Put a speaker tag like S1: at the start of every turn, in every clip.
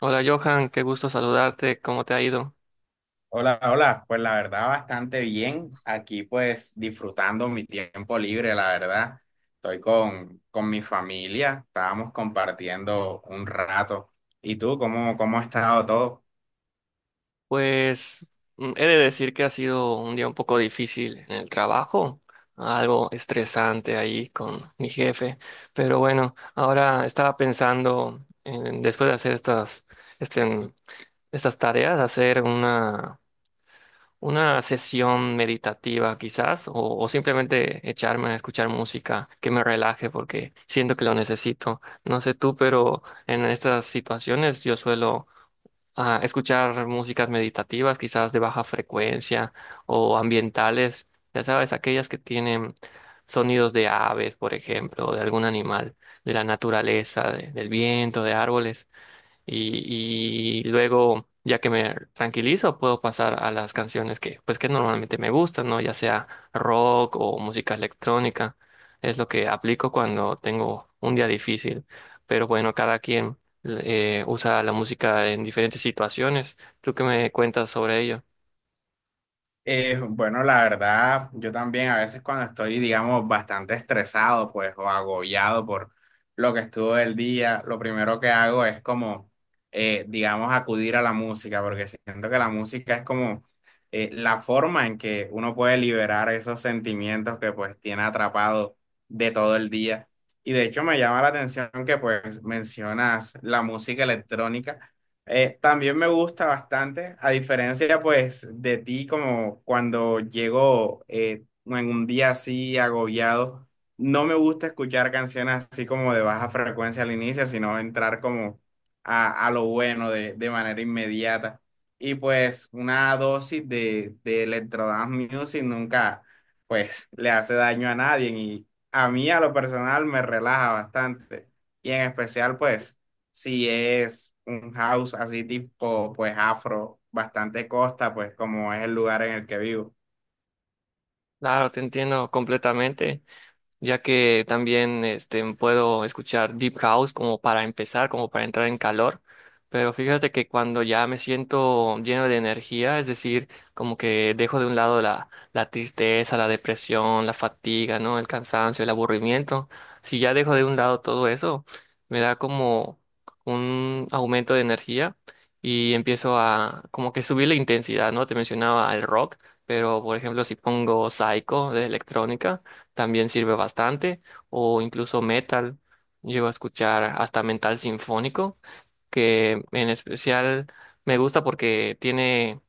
S1: Hola Johan, qué gusto saludarte, ¿cómo te ha ido?
S2: Hola, hola. Pues la verdad, bastante bien. Aquí pues disfrutando mi tiempo libre, la verdad. Estoy con mi familia, estábamos compartiendo un rato. ¿Y tú, cómo ha estado todo?
S1: Pues he de decir que ha sido un día un poco difícil en el trabajo, algo estresante ahí con mi jefe, pero bueno, ahora estaba pensando en, después de hacer estas, este, estas tareas, hacer una sesión meditativa quizás, o simplemente echarme a escuchar música que me relaje porque siento que lo necesito. No sé tú, pero en estas situaciones yo suelo a escuchar músicas meditativas, quizás de baja frecuencia o ambientales, ya sabes, aquellas que tienen sonidos de aves, por ejemplo, o de algún animal, de la naturaleza, del viento, de árboles y luego, ya que me tranquilizo, puedo pasar a las canciones pues, que normalmente me gustan, ¿no? Ya sea rock o música electrónica. Es lo que aplico cuando tengo un día difícil. Pero bueno, cada quien usa la música en diferentes situaciones. ¿Tú qué me cuentas sobre ello?
S2: Bueno, la verdad, yo también a veces cuando estoy, digamos, bastante estresado, pues, o agobiado por lo que estuvo el día, lo primero que hago es como, digamos, acudir a la música, porque siento que la música es como la forma en que uno puede liberar esos sentimientos que pues tiene atrapado de todo el día. Y de hecho me llama la atención que pues mencionas la música electrónica. También me gusta bastante, a diferencia pues de ti, como cuando llego en un día así agobiado, no me gusta escuchar canciones así como de baja frecuencia al inicio, sino entrar como a lo bueno de manera inmediata. Y pues una dosis de electro dance music nunca pues le hace daño a nadie y a mí a lo personal me relaja bastante y en especial pues si es un house así tipo, pues afro, bastante costa, pues como es el lugar en el que vivo.
S1: Claro, te entiendo completamente, ya que también puedo escuchar Deep House como para empezar, como para entrar en calor, pero fíjate que cuando ya me siento lleno de energía, es decir, como que dejo de un lado la tristeza, la depresión, la fatiga, ¿no? El cansancio, el aburrimiento, si ya dejo de un lado todo eso, me da como un aumento de energía y empiezo a como que subir la intensidad, ¿no? Te mencionaba el rock. Pero, por ejemplo, si pongo Psycho de electrónica, también sirve bastante, o incluso metal. Llego a escuchar hasta metal sinfónico, que en especial me gusta porque tiene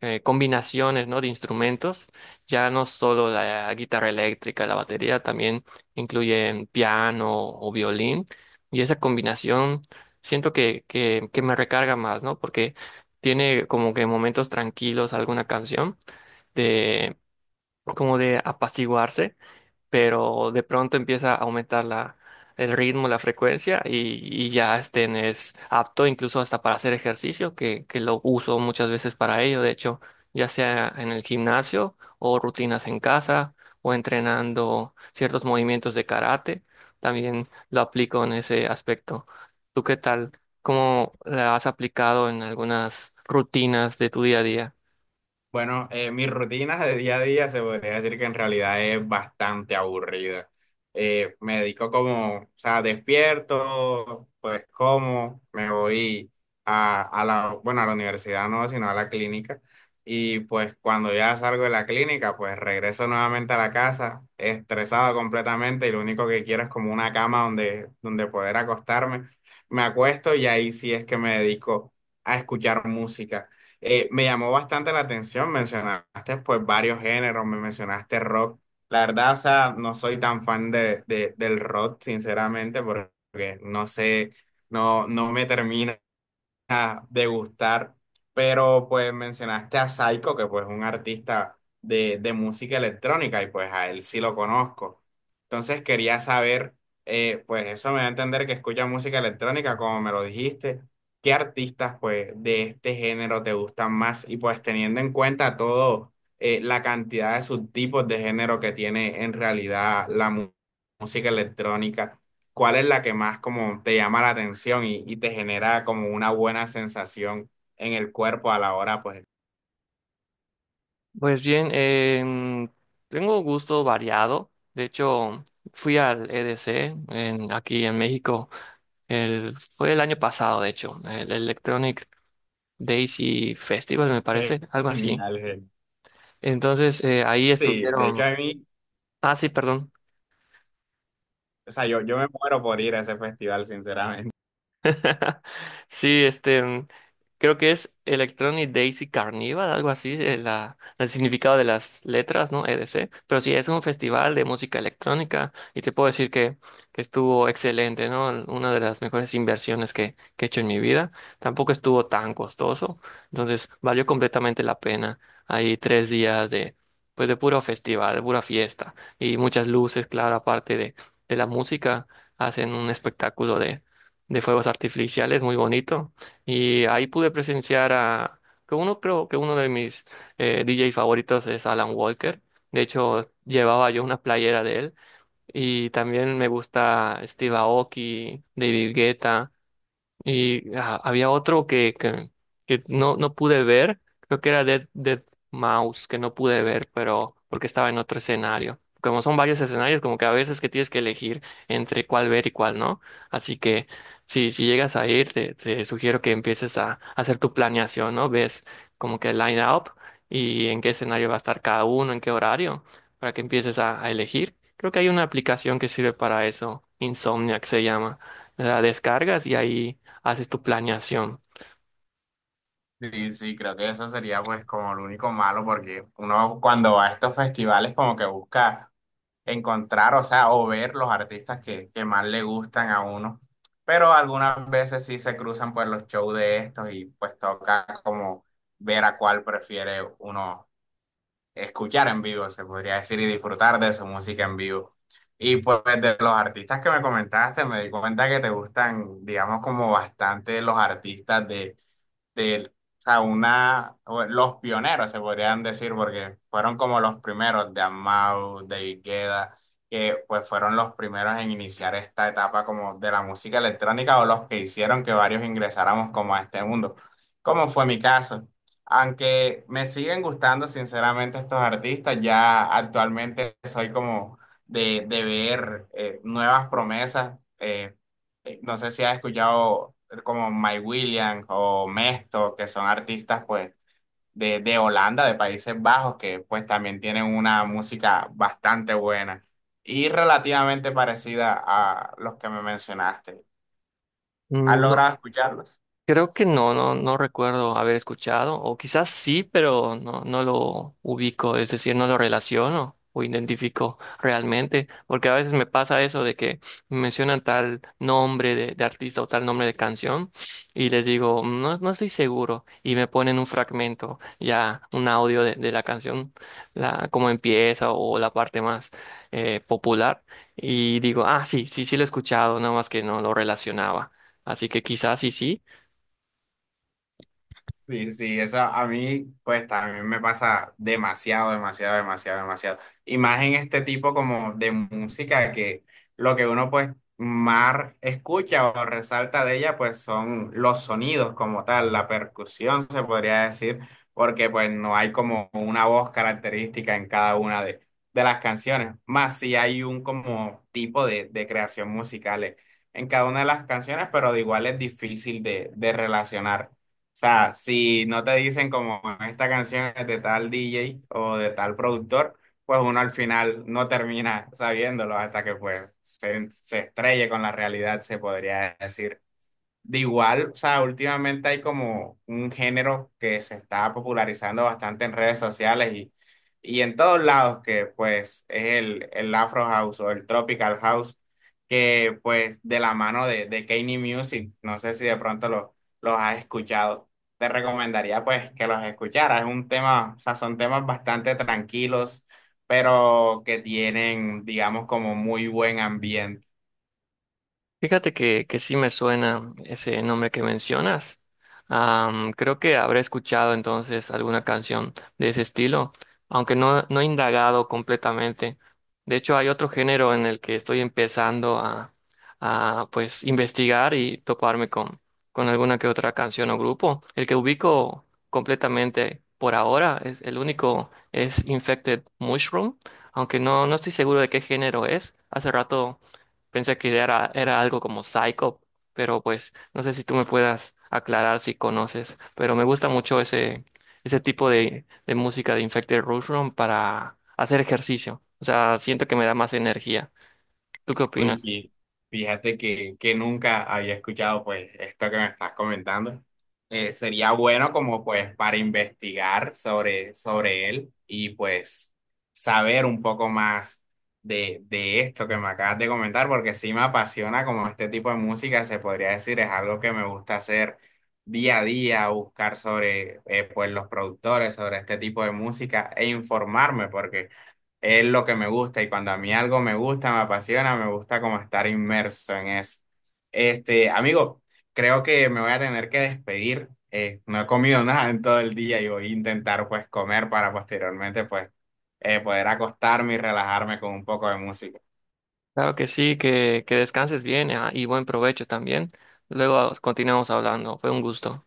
S1: combinaciones, ¿no? De instrumentos. Ya no solo la guitarra eléctrica, la batería, también incluyen piano o violín. Y esa combinación siento que me recarga más, ¿no? Porque tiene como que momentos tranquilos alguna canción de como de apaciguarse, pero de pronto empieza a aumentar el ritmo, la frecuencia y ya estén es apto incluso hasta para hacer ejercicio, que lo uso muchas veces para ello, de hecho, ya sea en el gimnasio o rutinas en casa o entrenando ciertos movimientos de karate, también lo aplico en ese aspecto. ¿Tú qué tal? ¿Cómo la has aplicado en algunas rutinas de tu día a día?
S2: Bueno, mi rutina de día a día se podría decir que en realidad es bastante aburrida. Me dedico como, o sea, despierto, pues como, me voy bueno, a la universidad no, sino a la clínica. Y pues cuando ya salgo de la clínica, pues regreso nuevamente a la casa, estresado completamente y lo único que quiero es como una cama donde poder acostarme. Me acuesto y ahí sí es que me dedico a escuchar música, me llamó bastante la atención, mencionaste pues varios géneros, me mencionaste rock. La verdad, o sea, no soy tan fan de, del rock, sinceramente, porque no sé, no me termina a degustar, pero pues mencionaste a Saiko, que pues es un artista de música electrónica y pues a él sí lo conozco. Entonces quería saber, pues eso me da a entender que escucha música electrónica, como me lo dijiste, ¿qué artistas pues de este género te gustan más? Y pues teniendo en cuenta todo, la cantidad de subtipos de género que tiene en realidad música electrónica. ¿Cuál es la que más como te llama la atención y te genera como una buena sensación en el cuerpo a la hora? Pues
S1: Pues bien, tengo gusto variado. De hecho, fui al EDC aquí en México. El, fue el año pasado, de hecho, el Electronic Daisy Festival, me parece, algo así.
S2: genial, genial.
S1: Entonces, ahí
S2: Sí, de
S1: estuvieron.
S2: hecho a mí,
S1: Ah, sí, perdón.
S2: o sea, yo me muero por ir a ese festival, sinceramente.
S1: Sí, creo que es Electronic Daisy Carnival, algo así, el significado de las letras, ¿no? EDC. Pero sí, es un festival de música electrónica y te puedo decir que estuvo excelente, ¿no? Una de las mejores inversiones que he hecho en mi vida. Tampoco estuvo tan costoso, entonces valió completamente la pena. Hay tres días de, pues, de puro festival, de pura fiesta y muchas luces, claro, aparte de la música, hacen un espectáculo de fuegos artificiales, muy bonito. Y ahí pude presenciar a, que uno creo que uno de mis DJ favoritos es Alan Walker. De hecho, llevaba yo una playera de él. Y también me gusta Steve Aoki, David Guetta. Y ah, había otro que no pude ver, creo que era Dead Mouse, que no pude ver, pero porque estaba en otro escenario. Como son varios escenarios, como que a veces que tienes que elegir entre cuál ver y cuál no. Así que si llegas a ir, te sugiero que empieces hacer tu planeación, ¿no? Ves como que el line up y en qué escenario va a estar cada uno, en qué horario, para que empieces a elegir. Creo que hay una aplicación que sirve para eso, Insomniac se llama, la descargas y ahí haces tu planeación.
S2: Sí, sí, creo que eso sería pues como lo único malo porque uno cuando va a estos festivales como que busca encontrar, o sea, o ver los artistas que más le gustan a uno. Pero algunas veces sí se cruzan por los shows de estos y pues toca como ver a cuál prefiere uno escuchar en vivo, se podría decir, y disfrutar de su música en vivo. Y pues de los artistas que me comentaste, me di cuenta que te gustan, digamos, como bastante los artistas de él. O sea, una, o los pioneros se podrían decir, porque fueron como los primeros de Amau, de Guetta, que pues fueron los primeros en iniciar esta etapa como de la música electrónica o los que hicieron que varios ingresáramos como a este mundo, como fue mi caso. Aunque me siguen gustando sinceramente estos artistas, ya actualmente soy como de ver nuevas promesas. No sé si has escuchado como Mike Williams o Mesto, que son artistas pues de Holanda, de Países Bajos, que pues también tienen una música bastante buena y relativamente parecida a los que me mencionaste. ¿Has
S1: No,
S2: logrado escucharlos?
S1: creo que no, no recuerdo haber escuchado, o quizás sí, pero no, no lo ubico, es decir, no lo relaciono o identifico realmente, porque a veces me pasa eso de que me mencionan tal nombre de artista o tal nombre de canción y les digo, no, no estoy seguro, y me ponen un fragmento, ya un audio de la canción, la, cómo empieza o la parte más popular, y digo, ah, sí, sí, sí lo he escuchado, nada más que no lo relacionaba. Así que quizás sí, sí.
S2: Sí, sí, eso a mí, pues también me pasa demasiado, demasiado, demasiado, demasiado. Y más en este tipo como de música que lo que uno pues más escucha o resalta de ella pues son los sonidos como tal, la percusión se podría decir, porque pues no hay como una voz característica en cada una de las canciones, más si hay un como tipo de creación musical en cada una de las canciones, pero de igual es difícil de relacionar. O sea, si no te dicen como esta canción es de tal DJ o de tal productor, pues uno al final no termina sabiéndolo hasta que pues se estrelle con la realidad, se podría decir. De igual, o sea, últimamente hay como un género que se está popularizando bastante en redes sociales y en todos lados, que pues es el Afro House o el Tropical House, que pues de la mano de Kanye Music, no sé si de pronto los has escuchado, te recomendaría pues que los escucharas, es un tema, o sea, son temas bastante tranquilos, pero que tienen, digamos, como muy buen ambiente.
S1: Fíjate que sí me suena ese nombre que mencionas. Am, creo que habré escuchado entonces alguna canción de ese estilo, aunque no, no he indagado completamente. De hecho, hay otro género en el que estoy empezando pues investigar y toparme con alguna que otra canción o grupo. El que ubico completamente por ahora es el único es Infected Mushroom, aunque no, no estoy seguro de qué género es. Hace rato pensé era algo como Psycho, pero pues no sé si tú me puedas aclarar si conoces, pero me gusta mucho ese tipo de música de Infected Mushroom para hacer ejercicio. O sea, siento que me da más energía. ¿Tú qué
S2: Uy,
S1: opinas?
S2: y fíjate que nunca había escuchado pues esto que me estás comentando. Sería bueno como pues para investigar sobre, sobre él y pues saber un poco más de esto que me acabas de comentar, porque sí me apasiona como este tipo de música, se podría decir, es algo que me gusta hacer día a día, buscar sobre pues los productores, sobre este tipo de música e informarme, porque es lo que me gusta y cuando a mí algo me gusta, me apasiona, me gusta como estar inmerso en eso. Este, amigo, creo que me voy a tener que despedir. No he comido nada en todo el día y voy a intentar pues comer para posteriormente pues poder acostarme y relajarme con un poco de música.
S1: Claro que sí, que descanses bien, ah, y buen provecho también. Luego continuamos hablando. Fue un gusto.